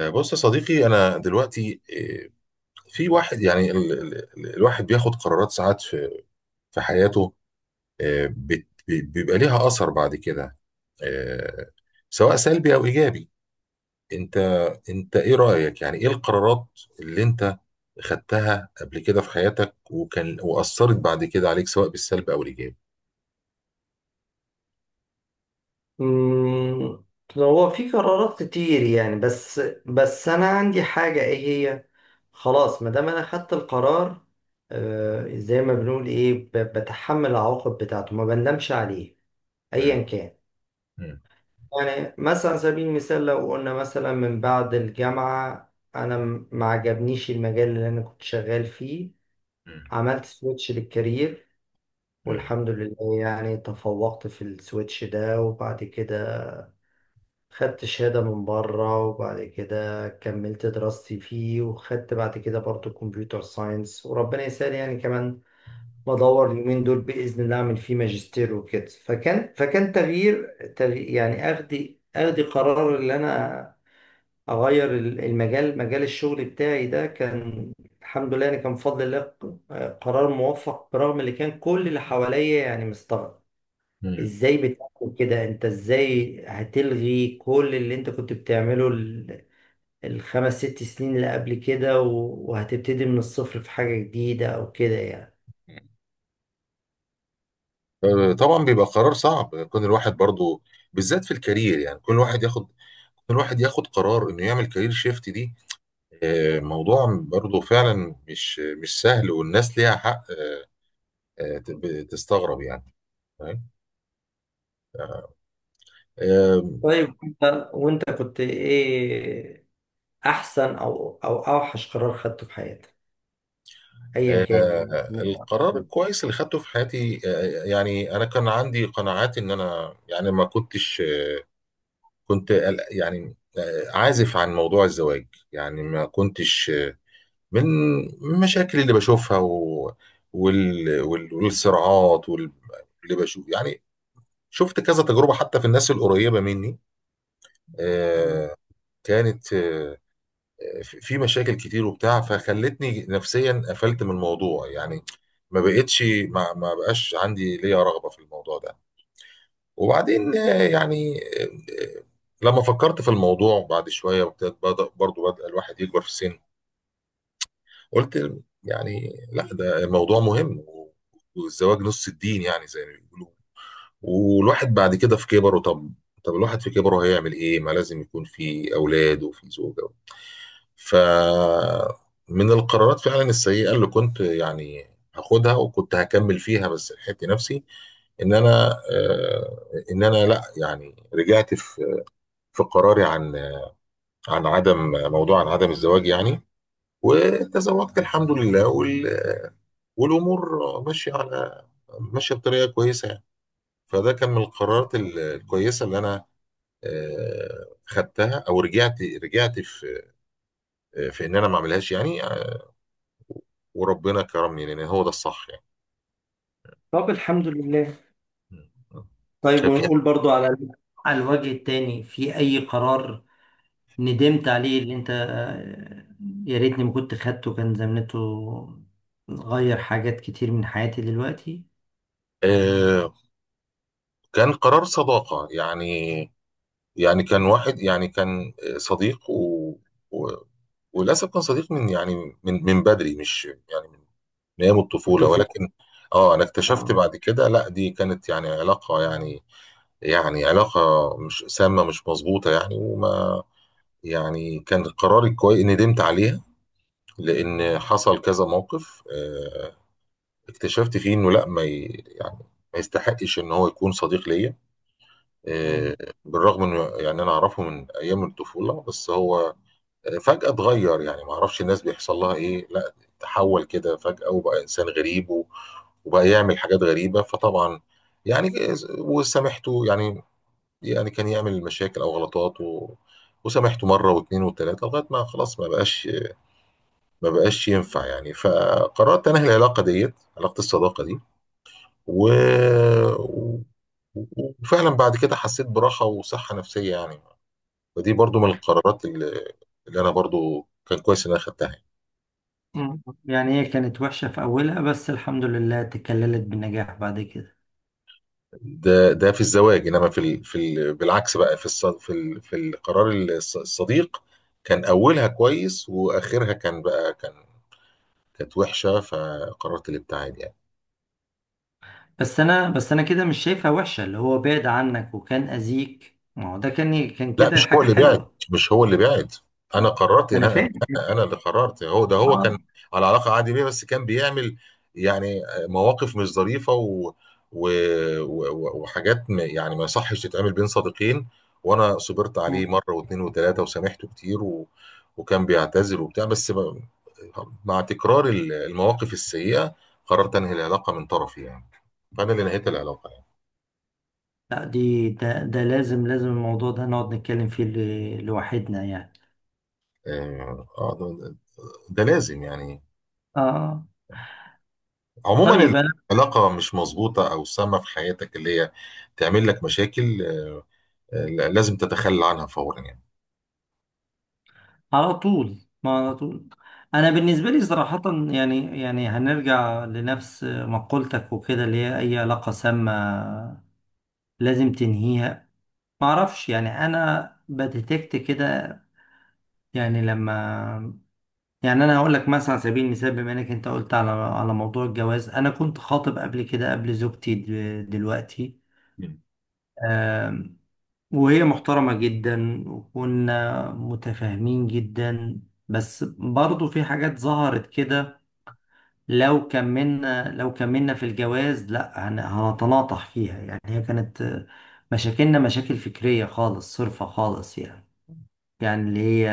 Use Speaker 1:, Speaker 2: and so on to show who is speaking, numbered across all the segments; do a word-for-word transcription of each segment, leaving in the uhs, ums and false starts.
Speaker 1: آه، بص يا صديقي، انا دلوقتي آه، في واحد. يعني ال ال ال الواحد بياخد قرارات ساعات في في حياته. آه، بت- بي- بيبقى ليها اثر بعد كده، آه، سواء سلبي او ايجابي. انت انت ايه رايك؟ يعني ايه القرارات اللي انت خدتها قبل كده في حياتك وكان واثرت بعد كده عليك سواء بالسلب او الايجاب؟
Speaker 2: مم، هو في قرارات كتير يعني بس بس انا عندي حاجة ايه هي خلاص ما دام انا خدت القرار، آه، زي ما بنقول ايه ب- بتحمل العواقب بتاعته ما بندمش عليه
Speaker 1: مم.
Speaker 2: ايا كان.
Speaker 1: مم.
Speaker 2: يعني مثلا على سبيل المثال لو قلنا مثلا من بعد الجامعة انا م- ما عجبنيش المجال اللي انا كنت شغال فيه،
Speaker 1: مم.
Speaker 2: عملت سويتش للكارير والحمد لله يعني تفوقت في السويتش ده. وبعد كده خدت شهادة من بره وبعد كده كملت دراستي فيه وخدت بعد كده برضو كمبيوتر ساينس، وربنا يسهل يعني كمان بدور اليومين دول بإذن الله أعمل فيه ماجستير وكده. فكان فكان تغيير, تغيير يعني أخدي أخدي قرار إن أنا أغير ال- المجال، مجال الشغل بتاعي ده، كان الحمد لله يعني كان بفضل الله ق- قرار موفق برغم اللي كان كل اللي حواليا يعني مستغرب.
Speaker 1: مم.
Speaker 2: ازاي بتعمل كده؟ انت ازاي هتلغي كل اللي انت كنت بتعمله ال- الخمس ست سنين اللي قبل كده و- وهتبتدي من الصفر في حاجة جديدة او كده يعني؟
Speaker 1: مم. طبعا بيبقى قرار صعب، كون الواحد برضو بالذات في الكارير. يعني كل واحد ياخد الواحد ياخد قرار انه يعمل كارير شيفت دي. آه، موضوع برضه فعلا مش مش سهل، والناس ليها حق. آه، آه، تب- تستغرب يعني. فاهم؟ آه،
Speaker 2: طيب انت وانت كنت ايه احسن او او اوحش قرار خدته في حياتك ايا كان يعني
Speaker 1: آه،
Speaker 2: ممكن
Speaker 1: القرار
Speaker 2: أقول.
Speaker 1: الكويس اللي خدته في حياتي، آه، آه، يعني انا كان عندي قناعات ان انا. يعني ما كنتش كنت قلق- يعني آه، عازف عن موضوع الزواج. يعني ما كنتش آه، من المشاكل اللي بشوفها و- وال- وال- والصراعات وال- اللي بشوف، يعني شفت كذا تجربة حتى في الناس القريبة مني.
Speaker 2: مم.
Speaker 1: آه، كانت آه، في في مشاكل كتير وبتاع، فخلتني نفسيا قفلت من الموضوع يعني. ما بقتش ما ما بقاش عندي ليا رغبة في الموضوع ده. وبعدين آه، يعني آه، آه، لما فكرت في الموضوع بعد شوية وابتدت بدأ برضو بدأ الواحد يكبر في السن. قلت يعني لا، ده الموضوع مهم، والزواج نص الدين، يعني زي ما بيقولوا. والواحد بعد كده في كبره، طب طب الواحد في كبره هيعمل ايه؟ ما لازم يكون في اولاد وفي زوجه. ف من القرارات فعلا السيئه اللي كنت، يعني، هاخدها وكنت هكمل فيها، بس لحقت نفسي ان انا آه، ان انا، لا يعني، رجعت في في قراري عن عن عدم موضوع عن عدم الزواج يعني. وتزوجت الحمد لله، وال- والامور ماشيه على ماشيه بطريقه كويسه يعني. فده كان من القرارات ال- الكويسه اللي انا آه، خدتها، او رجعت رجعت في في ان انا ما اعملهاش يعني. وربنا كرمني لان هو ده الصح يعني.
Speaker 2: طب الحمد لله.
Speaker 1: مم.
Speaker 2: طيب
Speaker 1: كان في
Speaker 2: ونقول برضو على على الوجه التاني في اي قرار ندمت عليه اللي انت آه، يا ريتني ما كنت خدته كان زمانته غير حاجات كتير من حياتي دلوقتي.
Speaker 1: آه، كان قرار صداقة يعني. يعني كان واحد، يعني كان صديق و... و... وللأسف كان صديق من، يعني، من من بدري، مش يعني، من من أيام الطفولة.
Speaker 2: الطفولة.
Speaker 1: ولكن اه، أنا اكتشفت
Speaker 2: اه.
Speaker 1: بعد كده لا، دي كانت يعني علاقة، يعني، يعني علاقة مش سامة مش مظبوطة يعني. وما يعني كان قراري كويس، ندمت عليها. لان حصل كذا موقف، آه، اكتشفت فيه انه لا، ما ي... يعني ما يستحقش ان هو يكون صديق ليا.
Speaker 2: مم.
Speaker 1: آه، بالرغم انه، يعني، انا اعرفه من ايام الطفوله. بس هو آه، فجاه اتغير. يعني ما اعرفش الناس بيحصل لها ايه. لا، تحول كده فجاه وبقى انسان غريب و... وبقى يعمل حاجات غريبه. فطبعا، يعني، وسامحته يعني. يعني كان يعمل مشاكل او غلطات و... وسامحته مره واثنين وثلاثه لغايه ما خلاص ما بقاش ما بقاش ينفع يعني. فقررت انهي العلاقه ديت، علاقه الصداقه دي و... و- وفعلا بعد كده حسيت براحه وصحه نفسيه يعني. فدي برضو من القرارات اللي, اللي انا برضو كان كويس ان انا خدتها يعني.
Speaker 2: مم. يعني هي كانت وحشة في أولها بس الحمد لله تكللت بالنجاح بعد كده.
Speaker 1: ده ده في الزواج. انما في ال... في ال... بالعكس بقى، في الص... في ال... في القرار الص- الصديق، كان اولها كويس، واخرها كان بقى كان كانت وحشه. فقررت الابتعاد يعني.
Speaker 2: بس أنا بس أنا كده مش شايفها وحشة، اللي هو بعد عنك وكان أذيك، ما هو ده كان كان
Speaker 1: لا،
Speaker 2: كده
Speaker 1: مش هو
Speaker 2: حاجة
Speaker 1: اللي بعد،
Speaker 2: حلوة.
Speaker 1: مش هو اللي بعد. انا قررت
Speaker 2: ما
Speaker 1: ان
Speaker 2: أنا
Speaker 1: انا،
Speaker 2: فاهم.
Speaker 1: انا اللي قررت. هو ده، هو كان
Speaker 2: آه.
Speaker 1: على علاقه عادي بيه، بس كان بيعمل يعني مواقف مش ظريفه و... و... و... وحاجات، ما يعني، ما يصحش تتعمل بين صديقين. وانا صبرت عليه
Speaker 2: مم.
Speaker 1: مره واثنين وثلاثه وسامحته كتير و... وكان بيعتذر وبتاع، بس ب... مع تكرار ال- المواقف السيئه قررت انهي العلاقه من طرفي يعني. فانا اللي نهيت العلاقه يعني.
Speaker 2: لا، دي ده, ده لازم لازم الموضوع ده نقعد نتكلم فيه ل- لوحدنا يعني.
Speaker 1: اه، آه، ده, ده لازم يعني.
Speaker 2: آه. طيب.
Speaker 1: عموما، العلاقة مش مظبوطة أو سامة في حياتك اللي هي تعمل لك مشاكل، آه، آه، لازم تتخلى عنها فورا يعني.
Speaker 2: على طول، ما على طول. انا بالنسبه لي صراحه، يعني يعني هنرجع لنفس مقولتك وكده، اللي هي اي علاقه سامه لازم تنهيها. ما اعرفش يعني انا بديتكت كده يعني لما، يعني انا هقول لك مثلا على سبيل المثال بما انك انت قلت على على موضوع الجواز انا كنت خاطب قبل كده قبل زوجتي د- دلوقتي.
Speaker 1: مم.
Speaker 2: آم، وهي محترمه جدا وكنا متفاهمين جدا، بس برضو في حاجات ظهرت كده لو كملنا لو كملنا في الجواز لا هن- هنتناطح فيها، يعني هي كانت آه، مشاكلنا مشاكل فكرية خالص صرفة خالص يعني، يعني اللي هي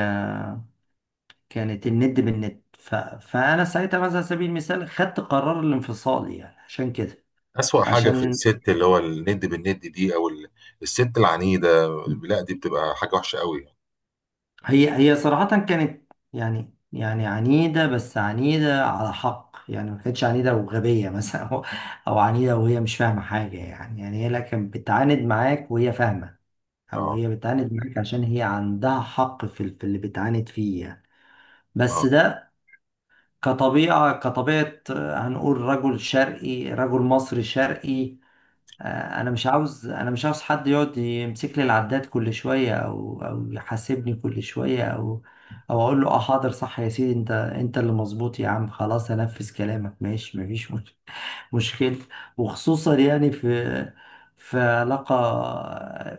Speaker 2: كانت الند بالند. ف... فأنا ساعتها مثلا على سبيل المثال خدت قرار الانفصال يعني عشان كده.
Speaker 1: أسوأ حاجة في
Speaker 2: عشان
Speaker 1: الست اللي هو الند بالند دي، أو ال- الست العنيدة، لا دي بتبقى حاجة وحشة قوي يعني.
Speaker 2: هي هي صراحة كانت يعني يعني عنيدة، بس عنيدة على حق يعني ما كانتش عنيدة وغبية مثلا أو أو عنيدة وهي مش فاهمة حاجة، يعني يعني هي لا كانت بتعاند معاك وهي فاهمة او
Speaker 1: اه،
Speaker 2: هي بتعاند معاك عشان هي عندها حق في ال- في اللي بتعاند فيه يعني. بس
Speaker 1: اه،
Speaker 2: ده كطبيعة كطبيعة آه، هنقول رجل شرقي، رجل مصري شرقي. آه، انا مش عاوز انا مش عاوز حد يقعد يمسك لي العداد كل شوية او او يحاسبني كل شوية او او اقول له اه حاضر صح يا سيدي، انت انت اللي مظبوط يا عم، خلاص هنفذ كلامك ماشي مفيش مشكلة مشكلة وخصوصا يعني في في علاقة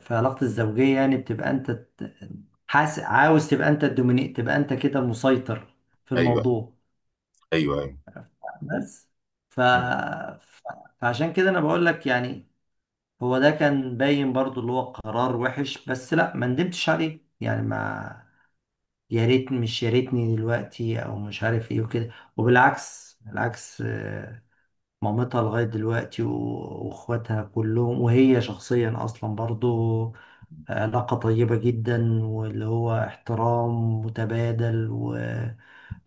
Speaker 2: في علاقة الزوجية، يعني بتبقى انت ت- حاس عاوز تبقى انت الدوميني، تبقى انت كده مسيطر في
Speaker 1: أيوه،
Speaker 2: الموضوع
Speaker 1: أيوه، أيوه.
Speaker 2: بس. ف...
Speaker 1: مم.
Speaker 2: ف... فعشان كده انا بقول لك يعني هو ده كان باين برضو اللي هو قرار وحش بس لا ما ندمتش عليه يعني ما، يا ريت مش يا ريتني دلوقتي او مش عارف ايه وكده. وبالعكس، بالعكس مامتها لغاية دلوقتي و- واخواتها كلهم وهي شخصيا اصلا برضو علاقة طيبة جدا، واللي هو احترام متبادل و...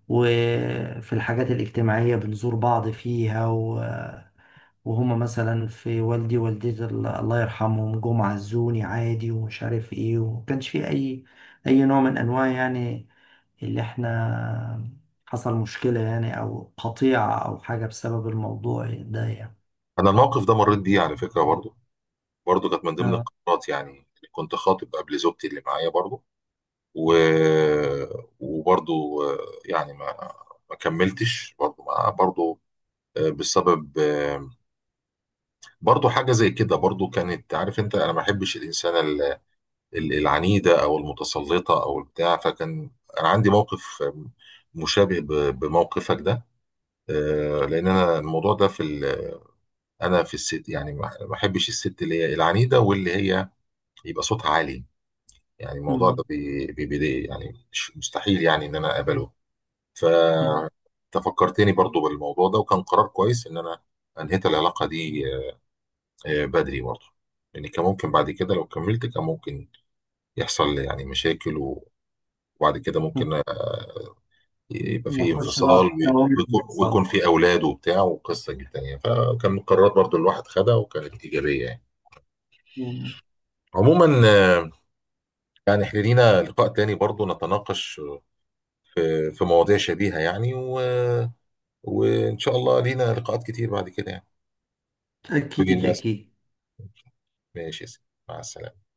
Speaker 2: وفي الحاجات الاجتماعية بنزور بعض فيها و... وهما مثلا في والدي ووالدتي ال- الله يرحمهم جم عزوني عادي ومش عارف ايه، وما كانش في اي اي نوع من انواع يعني اللي احنا حصل مشكلة يعني او قطيعة او حاجة بسبب الموضوع ده يعني.
Speaker 1: أنا الموقف ده مريت بيه على فكرة برضو. برضو كانت من ضمن
Speaker 2: اه.
Speaker 1: القرارات يعني. كنت خاطب قبل زوجتي اللي معايا برضو و... وبرضو آه، يعني ما ما كملتش برضو ما برضو بسبب برضو حاجة زي كده برضو. كانت عارف انت، انا ما بحبش الانسانة ال- ال- العنيدة او المتسلطة او البتاع. فكان انا عندي موقف مشابه ب- بموقفك ده. آه، لان انا الموضوع ده في ال- انا في الست، يعني، ما ما بحبش الست اللي هي العنيدة واللي هي يبقى صوتها عالي. يعني الموضوع ده
Speaker 2: مم.
Speaker 1: بي- بيضايق يعني. مش- مستحيل يعني ان انا اقبله. ف
Speaker 2: مم.
Speaker 1: انت فكرتني برضو بالموضوع ده، وكان قرار كويس ان انا انهيت العلاقة دي آه، بدري برضه. لان كان ممكن بعد كده لو كملت، كان ممكن يحصل لي يعني مشاكل و- وبعد كده ممكن يبقى فيه
Speaker 2: نخش
Speaker 1: انفصال
Speaker 2: بقى في
Speaker 1: وي-
Speaker 2: دوامة
Speaker 1: ويكون
Speaker 2: الانفصال.
Speaker 1: ويكون فيه اولاد وبتاع وقصه جدا يعني. فكان قرارات برضه الواحد خدها وكانت ايجابيه يعني.
Speaker 2: مم.
Speaker 1: عموما آه، يعني احنا لينا لقاء تاني برضه نتناقش آه، في مواضيع شبيهه يعني و... وان شاء الله لينا لقاءات كتير بعد كده يعني. كل
Speaker 2: اكيد
Speaker 1: الناس،
Speaker 2: اكيد.
Speaker 1: ماشي يا سيدي. مع السلامه.